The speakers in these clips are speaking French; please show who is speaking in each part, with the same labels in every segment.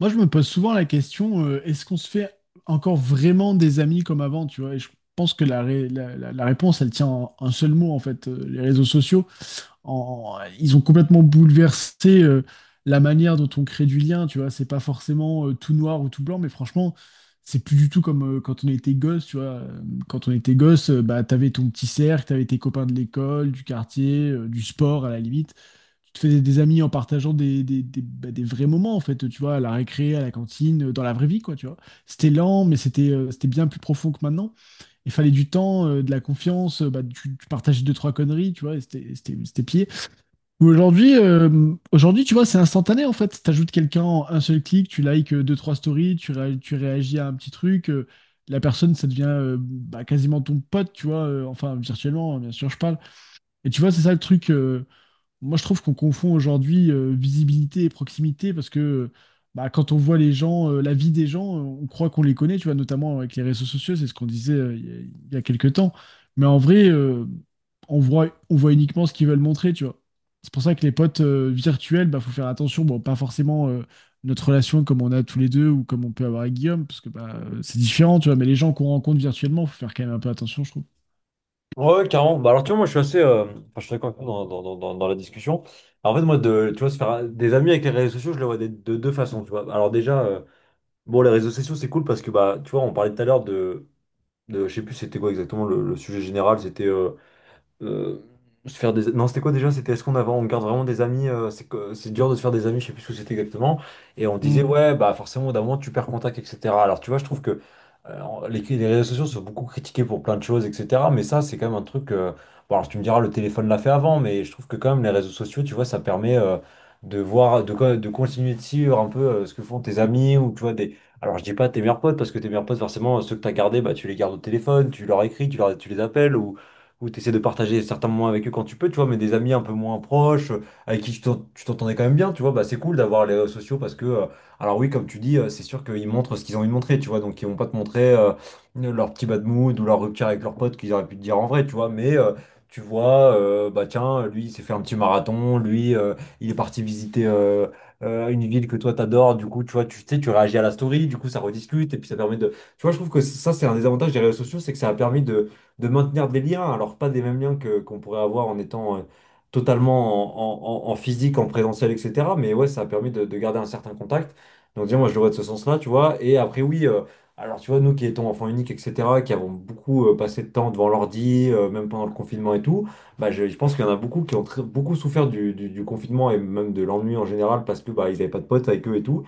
Speaker 1: Moi, je me pose souvent la question, est-ce qu'on se fait encore vraiment des amis comme avant, tu vois? Et je pense que la, ré- la- la- la réponse, elle tient en un seul mot, en fait. Les réseaux sociaux, ils ont complètement bouleversé, la manière dont on crée du lien, tu vois? C'est pas forcément, tout noir ou tout blanc, mais franchement, c'est plus du tout comme, quand on était gosse, tu vois? Quand on était gosse, bah, t'avais ton petit cercle, t'avais tes copains de l'école, du quartier, du sport, à la limite tu te fais des amis en partageant bah, des vrais moments, en fait, tu vois, à la récré, à la cantine, dans la vraie vie, quoi, tu vois. C'était lent, mais c'était bien plus profond que maintenant. Il fallait du temps, de la confiance, bah, tu partageais deux, trois conneries, tu vois, et c'était pied. Ou Aujourd'hui, aujourd'hui, tu vois, c'est instantané, en fait. T'ajoutes quelqu'un en un seul clic, tu likes deux, trois stories, tu réagis à un petit truc. La personne, ça devient bah, quasiment ton pote, tu vois, enfin, virtuellement, hein, bien sûr, je parle. Et tu vois, c'est ça le truc. Moi, je trouve qu'on confond aujourd'hui visibilité et proximité parce que bah, quand on voit les gens, la vie des gens, on croit qu'on les connaît, tu vois, notamment avec les réseaux sociaux, c'est ce qu'on disait il y a quelques temps. Mais en vrai, on voit uniquement ce qu'ils veulent montrer, tu vois. C'est pour ça que les potes virtuels, bah, faut faire attention. Bon, pas forcément notre relation comme on a tous les deux ou comme on peut avoir avec Guillaume, parce que bah, c'est différent, tu vois. Mais les gens qu'on rencontre virtuellement, faut faire quand même un peu attention, je trouve.
Speaker 2: Ouais, ouais, carrément. Bah, alors, tu vois, moi, je suis assez. Enfin, je suis d'accord avec toi dans la discussion. Alors, en fait, moi, de, tu vois, se faire des amis avec les réseaux sociaux, je le vois de deux façons, tu vois. Alors, déjà, bon, les réseaux sociaux, c'est cool parce que, bah, tu vois, on parlait tout à l'heure de je sais plus, c'était quoi exactement le sujet général. C'était. euh, se faire des... Non, c'était quoi déjà? C'était est-ce qu'on avait... on garde vraiment des amis, c'est dur de se faire des amis, je sais plus ce que c'était exactement. Et on disait,
Speaker 1: Hmm.
Speaker 2: ouais, bah forcément, au bout d'un moment, tu perds contact, etc. Alors, tu vois, je trouve que les réseaux sociaux sont beaucoup critiqués pour plein de choses, etc. Mais ça, c'est quand même un truc... Bon, alors, tu me diras, le téléphone l'a fait avant, mais je trouve que quand même, les réseaux sociaux, tu vois, ça permet de voir, de continuer de suivre un peu ce que font tes amis ou, tu vois, des... Alors, je dis pas tes meilleurs potes, parce que tes meilleurs potes, forcément, ceux que tu as gardés, bah, tu les gardes au téléphone, tu leur écris, tu, leur, tu les appelles, ou où tu essaies de partager certains moments avec eux quand tu peux, tu vois, mais des amis un peu moins proches, avec qui tu t'entendais quand même bien, tu vois, bah c'est cool d'avoir les réseaux sociaux parce que, alors oui, comme tu dis, c'est sûr qu'ils montrent ce qu'ils ont envie de montrer, tu vois, donc ils vont pas te montrer leur petit bad mood ou leur rupture avec leurs potes qu'ils auraient pu te dire en vrai, tu vois, mais bah tiens, lui, il s'est fait un petit marathon, lui, il est parti visiter une ville que toi t'adores, du coup, tu vois, tu sais, tu réagis à la story, du coup, ça rediscute, et puis ça permet de... Tu vois, je trouve que ça, c'est un des avantages des réseaux sociaux, c'est que ça a permis de maintenir des liens, alors pas des mêmes liens que qu'on pourrait avoir en étant totalement en physique, en présentiel, etc. Mais ouais, ça a permis de garder un certain contact. Donc déjà, moi, je le vois de ce sens-là, tu vois. Et après, oui, alors tu vois, nous qui étions enfants uniques, etc., qui avons beaucoup passé de temps devant l'ordi, même pendant le confinement et tout, bah, je pense qu'il y en a beaucoup qui ont beaucoup souffert du confinement et même de l'ennui en général parce que bah, ils n'avaient pas de potes avec eux et tout.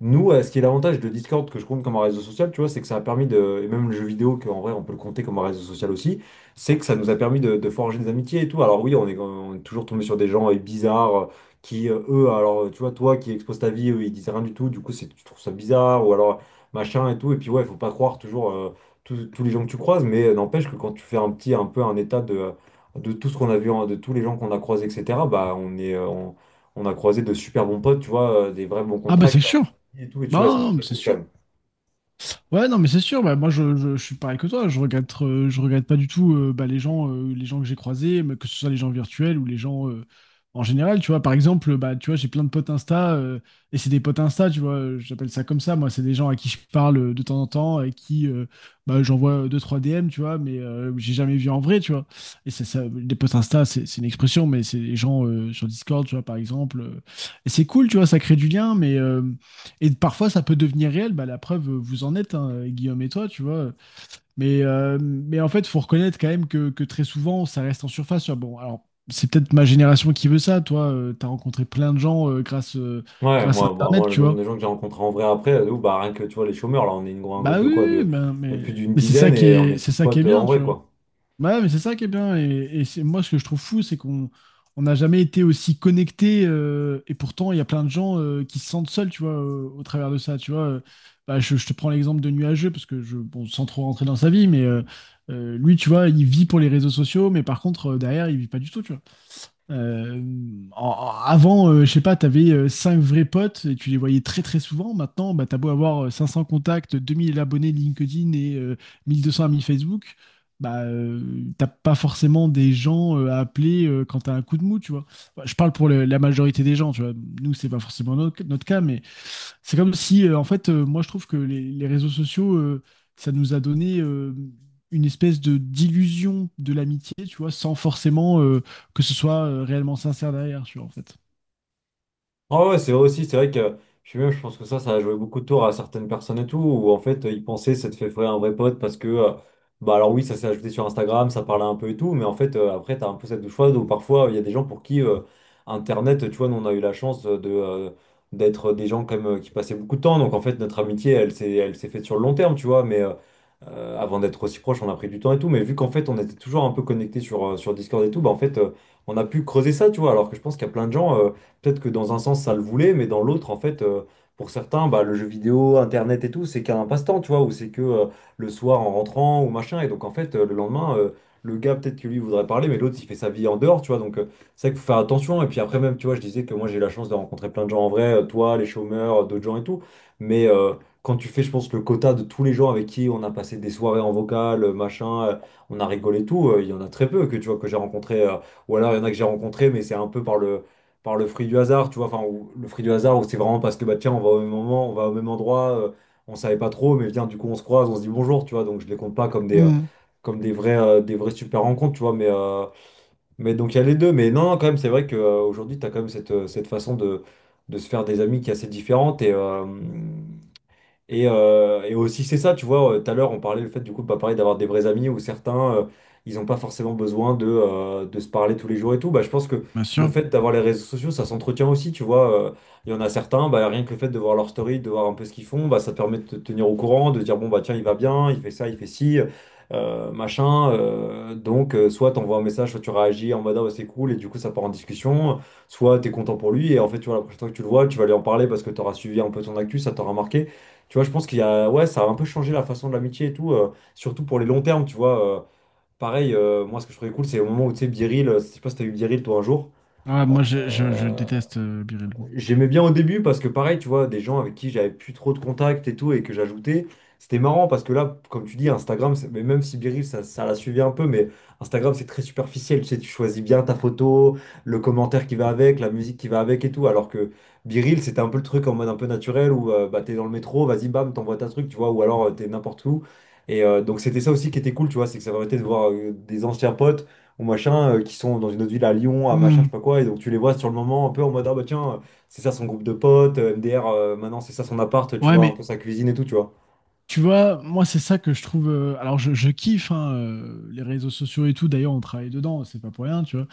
Speaker 2: Nous, ce qui est l'avantage de Discord que je compte comme un réseau social, tu vois, c'est que ça a permis de, et même le jeu vidéo, qu'en vrai on peut le compter comme un réseau social aussi, c'est que ça nous a permis de forger des amitiés et tout. Alors oui, on est toujours tombé sur des gens bizarres qui, eux, alors tu vois, toi qui exposes ta vie, eux, ils disent rien du tout, du coup c'est, tu trouves ça bizarre, ou alors machin et tout. Et puis ouais, faut pas croire toujours tous les gens que tu croises, mais n'empêche que quand tu fais un petit, un peu un état de tout ce qu'on a vu, hein, de tous les gens qu'on a croisés, etc., bah on est... on a croisé de super bons potes, tu vois, des vrais bons
Speaker 1: Ah bah c'est
Speaker 2: contacts
Speaker 1: sûr.
Speaker 2: et tout, et tu
Speaker 1: Non,
Speaker 2: vois, ouais, ça, je
Speaker 1: non,
Speaker 2: trouve
Speaker 1: non,
Speaker 2: ça
Speaker 1: c'est
Speaker 2: cool quand
Speaker 1: sûr.
Speaker 2: même.
Speaker 1: Ouais, non, mais c'est sûr. Bah, moi, je suis pareil que toi. Je regrette pas du tout bah, les gens que j'ai croisés, mais que ce soit les gens virtuels ou les gens en général. Tu vois, par exemple, bah, tu vois, j'ai plein de potes Insta et c'est des potes Insta. Tu vois, j'appelle ça comme ça. Moi, c'est des gens à qui je parle de temps en temps et qui bah, j'envoie deux trois DM. Tu vois, mais j'ai jamais vu en vrai. Tu vois, et c'est ça. Des potes Insta, c'est une expression, mais c'est des gens sur Discord. Tu vois, par exemple. Et c'est cool. Tu vois, ça crée du lien, mais et parfois, ça peut devenir réel. Bah, la preuve, vous en êtes, hein, Guillaume et toi, tu vois. Mais en fait, il faut reconnaître quand même que très souvent, ça reste en surface. Ah, bon, alors, c'est peut-être ma génération qui veut ça. Toi, t'as rencontré plein de gens
Speaker 2: Ouais,
Speaker 1: grâce à
Speaker 2: moi, bah,
Speaker 1: Internet,
Speaker 2: moi, le
Speaker 1: tu
Speaker 2: nombre de
Speaker 1: vois.
Speaker 2: gens que j'ai rencontrés en vrai après, de ouf, bah, rien que tu vois, les chômeurs, là, on est un groupe
Speaker 1: Bah
Speaker 2: de
Speaker 1: oui,
Speaker 2: quoi?
Speaker 1: oui, bah,
Speaker 2: De plus d'une
Speaker 1: mais c'est ça
Speaker 2: dizaine
Speaker 1: qui
Speaker 2: et on
Speaker 1: est,
Speaker 2: est
Speaker 1: c'est
Speaker 2: tous
Speaker 1: ça qui
Speaker 2: potes
Speaker 1: est
Speaker 2: euh,
Speaker 1: bien,
Speaker 2: en
Speaker 1: tu
Speaker 2: vrai,
Speaker 1: vois.
Speaker 2: quoi.
Speaker 1: Bah ouais, mais c'est ça qui est bien. Moi, ce que je trouve fou, c'est qu'on on n'a jamais été aussi connectés. Et pourtant, il y a plein de gens qui se sentent seuls, tu vois, au travers de ça. Tu vois. Bah, je te prends l'exemple de Nuageux, parce que je, bon, sans trop rentrer dans sa vie, mais lui, tu vois, il vit pour les réseaux sociaux, mais par contre, derrière, il vit pas du tout, tu vois. Euh, en- Avant, je sais pas, t'avais avais 5 vrais potes et tu les voyais très très souvent. Maintenant, bah, t'as beau avoir 500 contacts, 2 000 abonnés LinkedIn et 1 200 amis Facebook, bah, t'as pas forcément des gens à appeler quand t'as un coup de mou, tu vois. Bah, je parle pour la majorité des gens, tu vois. Nous, c'est pas forcément notre cas, mais c'est comme si, en fait, moi, je trouve que les réseaux sociaux, ça nous a donné une espèce de d'illusion de l'amitié, tu vois, sans forcément... que ce soit réellement sincère derrière, tu vois, en fait.
Speaker 2: Ah ouais, c'est vrai aussi, c'est vrai que je suis même, je pense que ça a joué beaucoup de tours à certaines personnes et tout, où en fait, ils pensaient s'être fait frère un vrai pote parce que, bah alors oui, ça s'est ajouté sur Instagram, ça parlait un peu et tout, mais en fait, après, t'as un peu cette douche froide où parfois, il y a des gens pour qui Internet, tu vois, nous, on a eu la chance de, d'être des gens comme qui passaient beaucoup de temps, donc en fait, notre amitié, elle s'est faite sur le long terme, tu vois, mais avant d'être aussi proche, on a pris du temps et tout, mais vu qu'en fait, on était toujours un peu connectés sur, sur Discord et tout, bah en fait, on a pu creuser ça, tu vois, alors que je pense qu'il y a plein de gens. Peut-être que dans un sens, ça le voulait, mais dans l'autre, en fait, pour certains, bah, le jeu vidéo, Internet et tout, c'est qu'un passe-temps, tu vois, ou c'est que le soir en rentrant ou machin. Et donc, en fait, le lendemain, le gars, peut-être que lui voudrait parler, mais l'autre, il fait sa vie en dehors, tu vois. Donc, c'est vrai qu'il faut faire attention. Et puis après, même, tu vois, je disais que moi, j'ai eu la chance de rencontrer plein de gens en vrai, toi, les chômeurs, d'autres gens et tout. Mais quand tu fais, je pense, le quota de tous les gens avec qui on a passé des soirées en vocal, machin, on a rigolé et tout, il y en a très peu que, tu vois, que j'ai rencontré. Ou alors, il y en a que j'ai rencontré, mais c'est un peu par le fruit du hasard, tu vois, enfin, ou- le fruit du hasard, où c'est vraiment parce que, bah, tiens, on va au même moment, on va au même endroit, on savait pas trop, mais viens, du coup, on se croise, on se dit bonjour, tu vois, donc je les compte pas comme des,
Speaker 1: Hmm.
Speaker 2: comme des vrais super rencontres, tu vois, mais donc il y a les deux, mais non, non, quand même, c'est vrai qu'aujourd'hui, tu as quand même cette, cette façon de se faire des amis qui est assez différente, et aussi, c'est ça, tu vois, tout à l'heure, on parlait le fait, du coup, bah, pareil, d'avoir des vrais amis où certains, ils n'ont pas forcément besoin de se parler tous les jours et tout. Bah, je pense que
Speaker 1: Bien
Speaker 2: le
Speaker 1: sûr.
Speaker 2: fait d'avoir les réseaux sociaux, ça s'entretient aussi, tu vois. Il y en a certains, bah, rien que le fait de voir leur story, de voir un peu ce qu'ils font, bah, ça te permet de te tenir au courant, de dire, bon, bah, tiens, il va bien, il fait ça, il fait ci, machin. Donc, soit tu envoies un message, soit tu réagis en mode, ah, ouais, c'est cool, et du coup, ça part en discussion. Soit tu es content pour lui, et en fait, tu vois, la prochaine fois que tu le vois, tu vas lui en parler parce que tu auras suivi un peu ton actu, ça t'aura marqué. Tu vois, je pense qu'il y a, ouais, ça a un peu changé la façon de l'amitié et tout, surtout pour les longs termes, tu vois. Pareil, moi, ce que je trouvais cool, c'est au moment où, tu sais, Biril, je sais pas si t'as eu Biril, toi, un jour.
Speaker 1: Ah, moi, je
Speaker 2: Euh,
Speaker 1: déteste Biril, moi.
Speaker 2: J'aimais bien au début parce que pareil, tu vois, des gens avec qui j'avais plus trop de contacts et tout et que j'ajoutais, c'était marrant parce que là, comme tu dis, Instagram, c'est- mais même si Biril, ça la suivait un peu, mais Instagram, c'est très superficiel, tu sais, tu choisis bien ta photo, le commentaire qui va avec, la musique qui va avec et tout, alors que Biril, c'était un peu le truc en mode un peu naturel où bah, t'es dans le métro, vas-y, bam, t'envoies ta truc, tu vois, ou alors t'es n'importe où. Et donc c'était ça aussi qui était cool, tu vois, c'est que ça permettait de voir des anciens potes ou machin, qui sont dans une autre ville, à Lyon, à machin, je
Speaker 1: Hmm.
Speaker 2: sais pas quoi, et donc tu les vois sur le moment un peu en mode, ah bah tiens, c'est ça son groupe de potes, MDR, maintenant c'est ça son appart, tu
Speaker 1: Ouais,
Speaker 2: vois, un
Speaker 1: mais
Speaker 2: peu sa cuisine et tout, tu vois.
Speaker 1: tu vois, moi, c'est ça que je trouve. Je kiffe hein, les réseaux sociaux et tout. D'ailleurs, on travaille dedans, c'est pas pour rien, tu vois.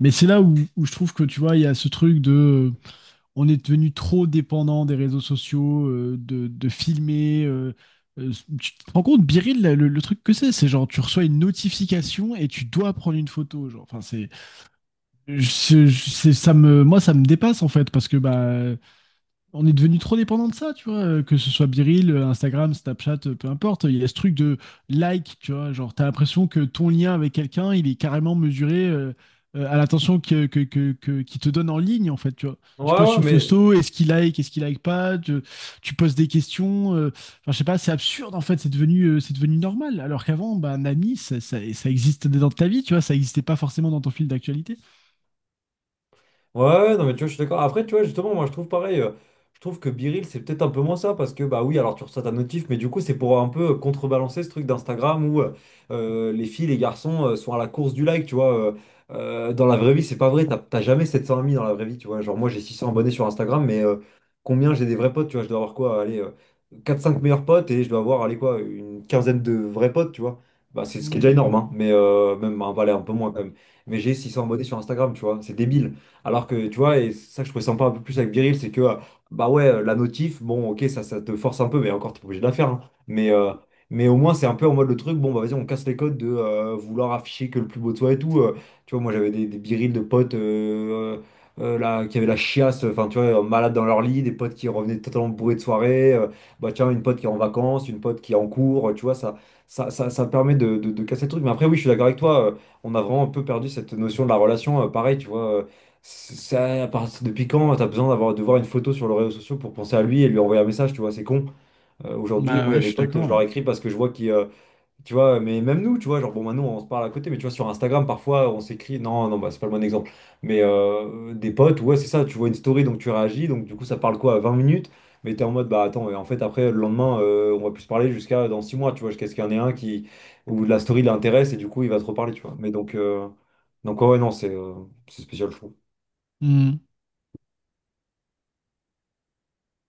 Speaker 1: Mais c'est là où, où je trouve que, tu vois, il y a ce truc de. euh, on est devenu trop dépendant des réseaux sociaux, de filmer. Euh, Tu te rends compte, Biril, le truc que c'est genre, tu reçois une notification et tu dois prendre une photo. Genre, enfin, c'est. Ça moi, ça me dépasse en fait parce que bah, on est devenu trop dépendant de ça, tu vois, que ce soit Biril, Instagram, Snapchat, peu importe. Il y a ce truc de like, tu vois, genre t'as l'impression que ton lien avec quelqu'un, il est carrément mesuré à l'attention qu'il te donne en ligne en fait, tu vois. Tu
Speaker 2: Ouais,
Speaker 1: postes
Speaker 2: ouais,
Speaker 1: une
Speaker 2: mais...
Speaker 1: photo, est-ce qu'il like pas, tu poses des questions, enfin je sais pas, c'est absurde en fait, c'est devenu normal. Alors qu'avant, bah, un ami, ça existait dans ta vie, tu vois, ça existait pas forcément dans ton fil d'actualité.
Speaker 2: Ouais, ouais, non, mais tu vois, je suis d'accord. Après, tu vois, justement, moi, je trouve pareil. Je trouve que Biril, c'est peut-être un peu moins ça parce que, bah oui, alors tu reçois ta notif, mais du coup, c'est pour un peu contrebalancer ce truc d'Instagram où les filles, les garçons, sont à la course du like, tu vois. Dans la vraie vie, c'est pas vrai. T'as jamais 700 amis dans la vraie vie, tu vois. Genre, moi, j'ai 600 abonnés sur Instagram, mais combien j'ai des vrais potes, tu vois? Je dois avoir quoi? Allez, quatre, cinq meilleurs potes, et je dois avoir, allez, quoi, une quinzaine de vrais potes, tu vois. Bah, c'est ce qui est déjà
Speaker 1: Hmm.
Speaker 2: énorme, hein, mais même, bah, allez, un peu moins quand même. Mais j'ai 600 abonnés sur Instagram, tu vois. C'est débile. Alors que, tu vois, et c'est ça que je trouvais sympa un peu plus avec Biril, c'est que, bah ouais, la notif, bon, ok, ça te force un peu, mais encore, t'es pas obligé de la faire, hein. Mais, euh, mais au moins, c'est un peu en mode le truc, bon, bah vas-y, on casse les codes de vouloir afficher que le plus beau de soi et tout. Tu vois, moi, j'avais des Biril de potes là, qui avaient la chiasse, enfin, tu vois, malades dans leur lit, des potes qui revenaient totalement bourrés de soirée. Bah tiens, une pote qui est en vacances, une pote qui est en cours, tu vois, ça permet de casser le truc. Mais après, oui, je suis d'accord avec toi. On a vraiment un peu perdu cette notion de la relation. Pareil, tu vois. Ça, depuis quand t'as besoin d'avoir de voir une photo sur les réseaux sociaux pour penser à lui et lui envoyer un message? Tu vois, c'est con. Aujourd'hui,
Speaker 1: Bah
Speaker 2: moi, il y
Speaker 1: ouais,
Speaker 2: a
Speaker 1: je
Speaker 2: des
Speaker 1: suis
Speaker 2: potes, je
Speaker 1: d'accord.
Speaker 2: leur
Speaker 1: Hein.
Speaker 2: écris parce que je vois qu'ils, tu vois. Mais même nous, tu vois, genre, bon, maintenant, on se parle à côté, mais tu vois, sur Instagram, parfois, on s'écrit. Non, non, bah, c'est pas le bon exemple, mais des potes, ouais, c'est ça, tu vois une story, donc tu réagis, donc du coup, ça parle quoi, à 20 minutes, mais t'es en mode, bah, attends, et en fait, après, le lendemain, on va plus se parler jusqu'à dans 6 mois, tu vois, jusqu'à ce qu'il y en ait un qui, où la story l'intéresse et du coup, il va te reparler, tu vois. Mais donc, ouais, ouais, non, c'est spécial, je
Speaker 1: Hmm.